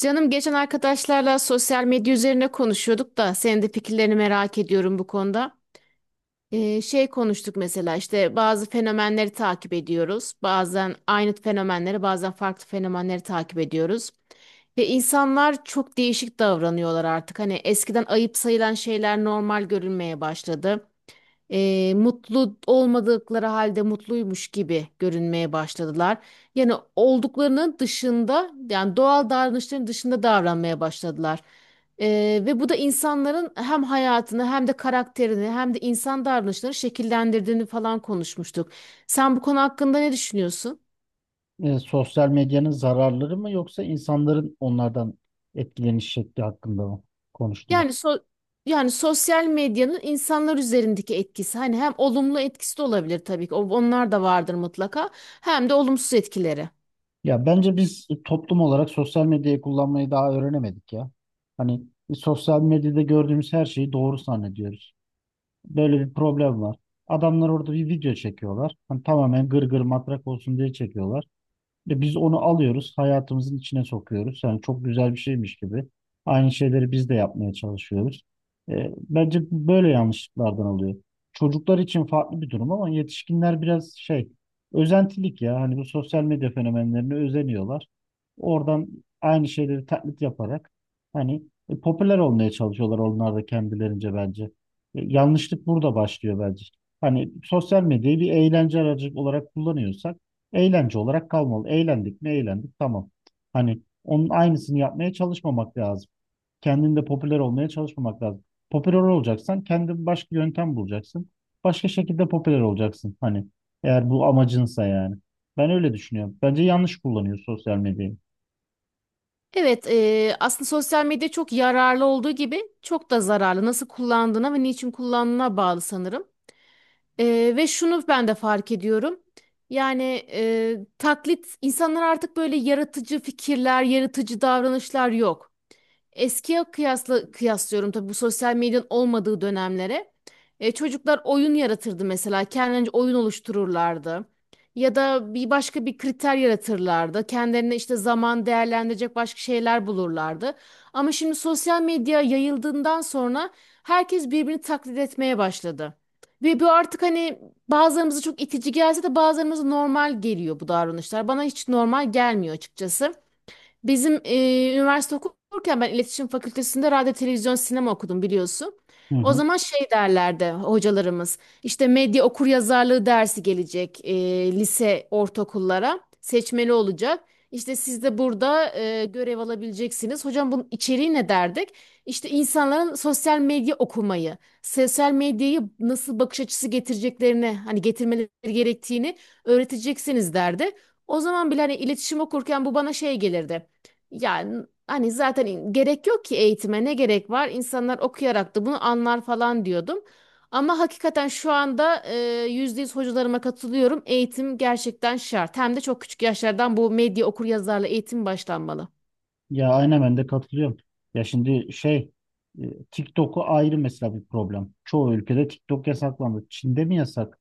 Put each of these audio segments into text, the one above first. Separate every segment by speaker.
Speaker 1: Canım geçen arkadaşlarla sosyal medya üzerine konuşuyorduk da senin de fikirlerini merak ediyorum bu konuda. Şey konuştuk mesela işte bazı fenomenleri takip ediyoruz. Bazen aynı fenomenleri bazen farklı fenomenleri takip ediyoruz. Ve insanlar çok değişik davranıyorlar artık. Hani eskiden ayıp sayılan şeyler normal görülmeye başladı, mutlu olmadıkları halde mutluymuş gibi görünmeye başladılar. Yani olduklarının dışında, yani doğal davranışların dışında davranmaya başladılar. Ve bu da insanların hem hayatını hem de karakterini hem de insan davranışlarını şekillendirdiğini falan konuşmuştuk. Sen bu konu hakkında ne düşünüyorsun?
Speaker 2: Sosyal medyanın zararları mı yoksa insanların onlardan etkileniş şekli hakkında mı konuştunuz?
Speaker 1: Yani so yani sosyal medyanın insanlar üzerindeki etkisi, hani hem olumlu etkisi de olabilir tabii ki, onlar da vardır mutlaka, hem de olumsuz etkileri.
Speaker 2: Ya bence biz toplum olarak sosyal medyayı kullanmayı daha öğrenemedik ya. Hani sosyal medyada gördüğümüz her şeyi doğru zannediyoruz. Böyle bir problem var. Adamlar orada bir video çekiyorlar. Hani tamamen gırgır matrak olsun diye çekiyorlar. Ve biz onu alıyoruz, hayatımızın içine sokuyoruz. Yani çok güzel bir şeymiş gibi. Aynı şeyleri biz de yapmaya çalışıyoruz. Bence böyle yanlışlıklardan oluyor. Çocuklar için farklı bir durum ama yetişkinler biraz şey, özentilik ya. Hani bu sosyal medya fenomenlerine özeniyorlar. Oradan aynı şeyleri taklit yaparak hani popüler olmaya çalışıyorlar onlar da kendilerince bence. Yanlışlık burada başlıyor bence. Hani sosyal medyayı bir eğlence aracı olarak kullanıyorsak eğlence olarak kalmalı. Eğlendik mi eğlendik tamam. Hani onun aynısını yapmaya çalışmamak lazım. Kendinde popüler olmaya çalışmamak lazım. Popüler olacaksan kendin başka yöntem bulacaksın. Başka şekilde popüler olacaksın. Hani eğer bu amacınsa yani. Ben öyle düşünüyorum. Bence yanlış kullanıyor sosyal medyayı.
Speaker 1: Evet, aslında sosyal medya çok yararlı olduğu gibi çok da zararlı. Nasıl kullandığına ve niçin kullandığına bağlı sanırım. Ve şunu ben de fark ediyorum. Yani taklit insanlar, artık böyle yaratıcı fikirler, yaratıcı davranışlar yok. Eskiye kıyasla kıyaslıyorum tabii, bu sosyal medyanın olmadığı dönemlere. Çocuklar oyun yaratırdı mesela. Kendince oyun oluştururlardı. Ya da bir başka bir kriter yaratırlardı. Kendilerine işte zaman değerlendirecek başka şeyler bulurlardı. Ama şimdi sosyal medya yayıldığından sonra herkes birbirini taklit etmeye başladı. Ve bu artık hani bazılarımıza çok itici gelse de bazılarımıza normal geliyor bu davranışlar. Bana hiç normal gelmiyor açıkçası. Bizim üniversite okurken, ben iletişim fakültesinde radyo, televizyon, sinema okudum biliyorsun.
Speaker 2: Hı
Speaker 1: O
Speaker 2: hı.
Speaker 1: zaman şey derlerdi hocalarımız. İşte medya okur yazarlığı dersi gelecek, lise ortaokullara seçmeli olacak. İşte siz de burada görev alabileceksiniz. Hocam, bunun içeriği ne derdik? İşte insanların sosyal medya okumayı, sosyal medyayı nasıl bakış açısı getireceklerini, hani getirmeleri gerektiğini öğreteceksiniz derdi. O zaman bile hani iletişim okurken bu bana şey gelirdi. Yani hani zaten gerek yok ki, eğitime ne gerek var? İnsanlar okuyarak da bunu anlar falan diyordum. Ama hakikaten şu anda %100 hocalarıma katılıyorum. Eğitim gerçekten şart. Hem de çok küçük yaşlardan bu medya okuryazarlı eğitim başlanmalı.
Speaker 2: Ya aynen ben de katılıyorum. Ya şimdi şey TikTok'u ayrı mesela bir problem. Çoğu ülkede TikTok yasaklandı. Çin'de mi yasak?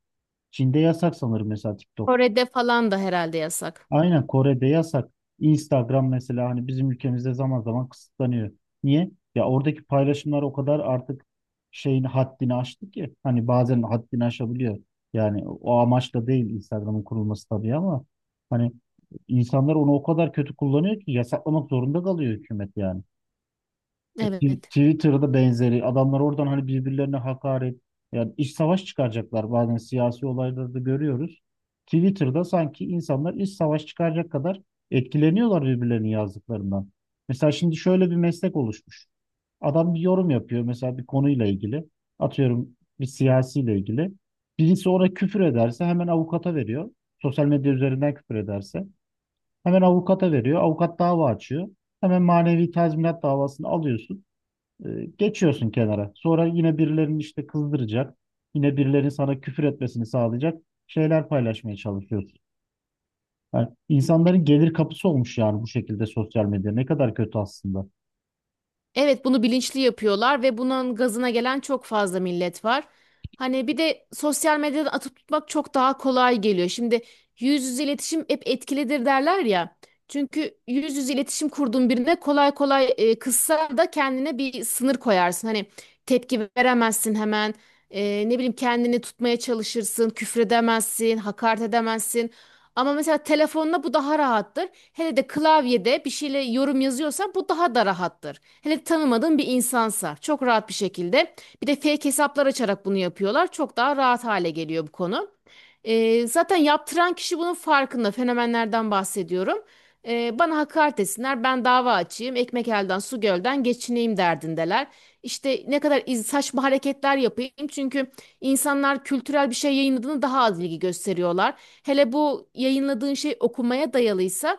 Speaker 2: Çin'de yasak sanırım mesela TikTok.
Speaker 1: Kore'de falan da herhalde yasak.
Speaker 2: Aynen Kore'de yasak. Instagram mesela hani bizim ülkemizde zaman zaman kısıtlanıyor. Niye? Ya oradaki paylaşımlar o kadar artık şeyin haddini aştı ki hani bazen haddini aşabiliyor. Yani o amaçla değil Instagram'ın kurulması tabii ama hani insanlar onu o kadar kötü kullanıyor ki yasaklamak zorunda kalıyor hükümet yani. Ya
Speaker 1: Evet.
Speaker 2: Twitter'da benzeri adamlar oradan hani birbirlerine hakaret, yani iç savaş çıkaracaklar, bazen siyasi olaylarda da görüyoruz. Twitter'da sanki insanlar iç savaş çıkaracak kadar etkileniyorlar birbirlerinin yazdıklarından. Mesela şimdi şöyle bir meslek oluşmuş. Adam bir yorum yapıyor mesela bir konuyla ilgili. Atıyorum bir siyasiyle ilgili. Birisi ona küfür ederse hemen avukata veriyor. Sosyal medya üzerinden küfür ederse hemen avukata veriyor. Avukat dava açıyor. Hemen manevi tazminat davasını alıyorsun. Geçiyorsun kenara. Sonra yine birilerinin işte kızdıracak, yine birilerinin sana küfür etmesini sağlayacak şeyler paylaşmaya çalışıyorsun. Yani insanların gelir kapısı olmuş yani bu şekilde sosyal medya. Ne kadar kötü aslında.
Speaker 1: Evet, bunu bilinçli yapıyorlar ve bunun gazına gelen çok fazla millet var. Hani bir de sosyal medyadan atıp tutmak çok daha kolay geliyor. Şimdi yüz yüze iletişim hep etkilidir derler ya. Çünkü yüz yüze iletişim kurduğun birine kolay kolay kızsa da kendine bir sınır koyarsın. Hani tepki veremezsin hemen. Ne bileyim, kendini tutmaya çalışırsın, küfredemezsin, hakaret edemezsin. Ama mesela telefonla bu daha rahattır. Hele de klavyede bir şeyle yorum yazıyorsan bu daha da rahattır. Hele tanımadığın bir insansa çok rahat bir şekilde. Bir de fake hesaplar açarak bunu yapıyorlar. Çok daha rahat hale geliyor bu konu. Zaten yaptıran kişi bunun farkında. Fenomenlerden bahsediyorum. Bana hakaret etsinler, ben dava açayım, ekmek elden su gölden geçineyim derdindeler. İşte ne kadar saçma hareketler yapayım, çünkü İnsanlar kültürel bir şey yayınladığını daha az ilgi gösteriyorlar. Hele bu yayınladığın şey okumaya dayalıysa,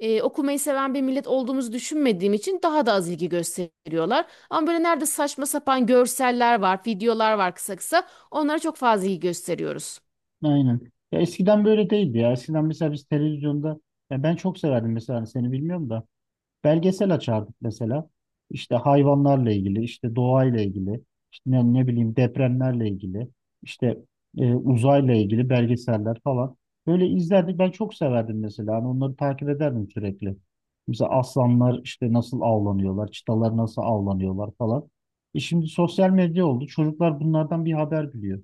Speaker 1: okumayı seven bir millet olduğumuzu düşünmediğim için daha da az ilgi gösteriyorlar. Ama böyle nerede saçma sapan görseller var, videolar var kısa kısa, onlara çok fazla ilgi gösteriyoruz.
Speaker 2: Aynen. Ya eskiden böyle değildi ya. Eskiden mesela biz televizyonda, ya ben çok severdim mesela hani seni bilmiyorum da, belgesel açardık mesela. İşte hayvanlarla ilgili, işte doğayla ilgili, işte ne, ne bileyim depremlerle ilgili, işte uzayla ilgili belgeseller falan. Böyle izlerdik. Ben çok severdim mesela. Hani onları takip ederdim sürekli. Mesela aslanlar işte nasıl avlanıyorlar, çitalar nasıl avlanıyorlar falan. E şimdi sosyal medya oldu. Çocuklar bunlardan bir haber biliyor.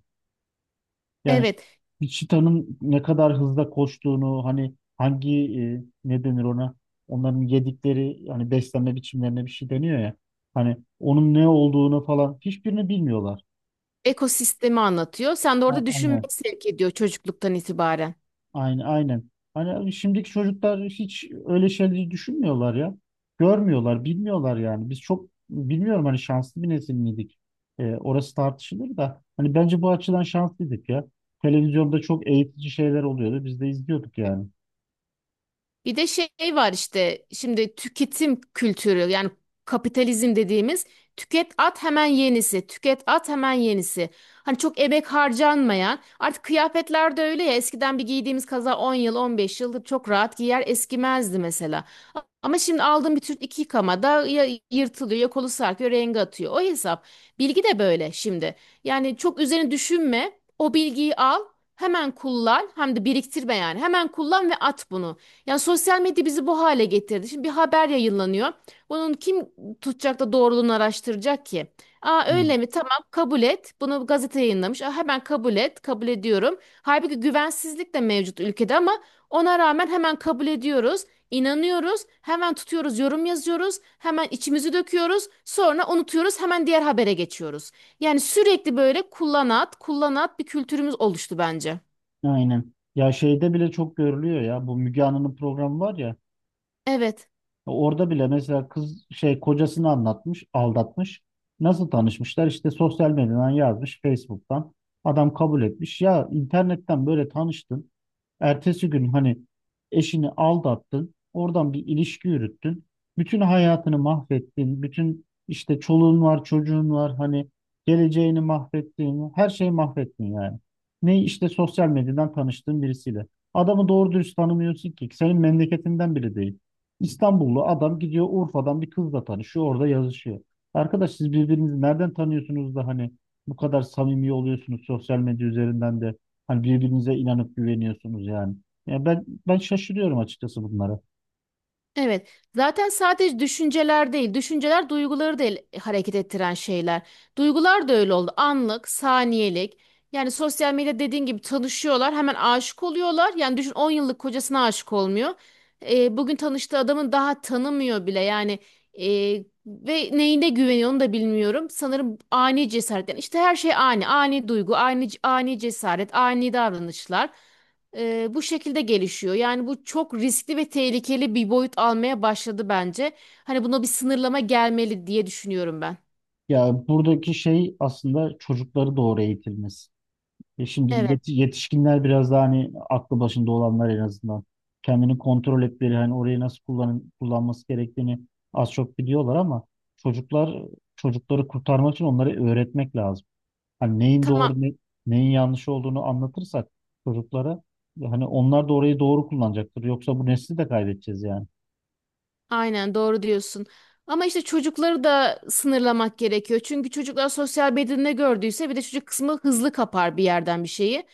Speaker 2: Yani
Speaker 1: Evet,
Speaker 2: Cheetah'nın ne kadar hızla koştuğunu, hani hangi ne denir ona, onların yedikleri hani beslenme biçimlerine bir şey deniyor ya, hani onun ne olduğunu falan hiçbirini bilmiyorlar.
Speaker 1: ekosistemi anlatıyor. Sen de orada düşünmeyi
Speaker 2: Aynen.
Speaker 1: sevk ediyor çocukluktan itibaren.
Speaker 2: Aynen aynen. Hani şimdiki çocuklar hiç öyle şeyleri düşünmüyorlar ya. Görmüyorlar, bilmiyorlar yani. Biz çok bilmiyorum, hani şanslı bir nesil miydik? Orası tartışılır da hani bence bu açıdan şanslıydık ya. Televizyonda çok eğitici şeyler oluyordu. Biz de izliyorduk yani.
Speaker 1: Bir de şey var işte şimdi, tüketim kültürü, yani kapitalizm dediğimiz, tüket at hemen yenisi, tüket at hemen yenisi. Hani çok emek harcanmayan artık kıyafetler de öyle ya, eskiden bir giydiğimiz kaza 10 yıl 15 yıldır çok rahat giyer eskimezdi mesela. Ama şimdi aldığım bir tür 2 yıkamada ya yırtılıyor, ya kolu sarkıyor, rengi atıyor, o hesap. Bilgi de böyle şimdi, yani çok üzerine düşünme, o bilgiyi al, hemen kullan, hem de biriktirme, yani hemen kullan ve at bunu. Yani sosyal medya bizi bu hale getirdi. Şimdi bir haber yayınlanıyor. Bunun kim tutacak da doğruluğunu araştıracak ki? Aa,
Speaker 2: Hı.
Speaker 1: öyle mi? Tamam, kabul et. Bunu gazete yayınlamış. Aa, hemen kabul et. Kabul ediyorum. Halbuki güvensizlik de mevcut ülkede, ama ona rağmen hemen kabul ediyoruz. İnanıyoruz. Hemen tutuyoruz, yorum yazıyoruz. Hemen içimizi döküyoruz. Sonra unutuyoruz. Hemen diğer habere geçiyoruz. Yani sürekli böyle kullanat, kullanat bir kültürümüz oluştu bence.
Speaker 2: Aynen. Ya şeyde bile çok görülüyor ya. Bu Müge Anlı'nın programı var ya.
Speaker 1: Evet.
Speaker 2: Orada bile mesela kız şey kocasını anlatmış, aldatmış. Nasıl tanışmışlar? İşte sosyal medyadan yazmış, Facebook'tan. Adam kabul etmiş. Ya internetten böyle tanıştın. Ertesi gün hani eşini aldattın, oradan bir ilişki yürüttün, bütün hayatını mahvettin, bütün işte çoluğun var, çocuğun var, hani geleceğini mahvettin, her şeyi mahvettin yani. Ne, işte sosyal medyadan tanıştığın birisiyle. Adamı doğru dürüst tanımıyorsun ki, senin memleketinden biri değil. İstanbullu adam gidiyor Urfa'dan bir kızla tanışıyor, orada yazışıyor. Arkadaş, siz birbirinizi nereden tanıyorsunuz da hani bu kadar samimi oluyorsunuz sosyal medya üzerinden de, hani birbirinize inanıp güveniyorsunuz yani. Ya ben şaşırıyorum açıkçası bunlara.
Speaker 1: Evet. Zaten sadece düşünceler değil, düşünceler duyguları da hareket ettiren şeyler. Duygular da öyle oldu. Anlık, saniyelik. Yani sosyal medya dediğin gibi tanışıyorlar, hemen aşık oluyorlar. Yani düşün, 10 yıllık kocasına aşık olmuyor. Bugün tanıştığı adamın daha tanımıyor bile. Yani, e, ve neyine güveniyor onu da bilmiyorum. Sanırım ani cesaret. Yani işte her şey ani, ani duygu, ani ani cesaret, ani davranışlar, bu şekilde gelişiyor. Yani bu çok riskli ve tehlikeli bir boyut almaya başladı bence. Hani buna bir sınırlama gelmeli diye düşünüyorum ben.
Speaker 2: Ya buradaki şey aslında çocukları doğru eğitilmesi. E şimdi
Speaker 1: Evet,
Speaker 2: yetişkinler biraz daha hani aklı başında olanlar en azından kendini kontrol etmeleri, hani orayı nasıl kullanın, kullanması gerektiğini az çok biliyorlar ama çocuklar, çocukları kurtarmak için onları öğretmek lazım. Hani neyin
Speaker 1: tamam.
Speaker 2: doğru ne, neyin yanlış olduğunu anlatırsak çocuklara, hani onlar da orayı doğru kullanacaktır. Yoksa bu nesli de kaybedeceğiz yani.
Speaker 1: Aynen doğru diyorsun. Ama işte çocukları da sınırlamak gerekiyor. Çünkü çocuklar sosyal medyada ne gördüyse, bir de çocuk kısmı hızlı kapar bir yerden bir şeyi.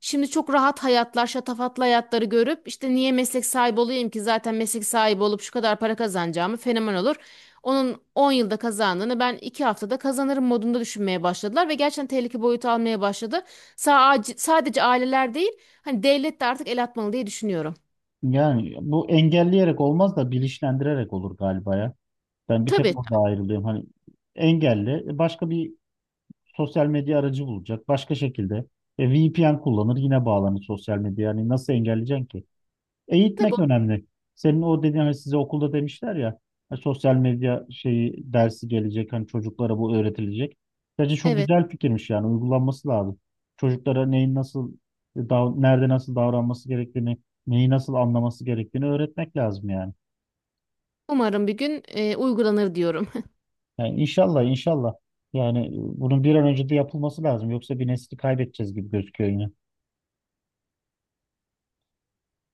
Speaker 1: Şimdi çok rahat hayatlar, şatafatlı hayatları görüp işte niye meslek sahibi olayım ki, zaten meslek sahibi olup şu kadar para kazanacağımı fenomen olur. Onun 10 yılda kazandığını ben 2 haftada kazanırım modunda düşünmeye başladılar ve gerçekten tehlike boyutu almaya başladı. Sadece, sadece aileler değil, hani devlet de artık el atmalı diye düşünüyorum.
Speaker 2: Yani bu engelleyerek olmaz da bilinçlendirerek olur galiba ya. Ben bir tek
Speaker 1: Tabii,
Speaker 2: orada ayrılıyorum. Hani engelli başka bir sosyal medya aracı bulacak. Başka şekilde VPN kullanır yine bağlanır sosyal medya. Yani nasıl engelleyeceksin ki?
Speaker 1: tabii.
Speaker 2: Eğitmek önemli. Senin o dediğin hani size okulda demişler ya, hani sosyal medya şeyi dersi gelecek, hani çocuklara bu öğretilecek. Bence çok
Speaker 1: Evet.
Speaker 2: güzel fikirmiş, yani uygulanması lazım. Çocuklara neyin nasıl nerede nasıl davranması gerektiğini, neyi nasıl anlaması gerektiğini öğretmek lazım yani.
Speaker 1: Umarım bir gün uygulanır diyorum.
Speaker 2: Yani inşallah inşallah, yani bunun bir an önce de yapılması lazım, yoksa bir nesli kaybedeceğiz gibi gözüküyor yine.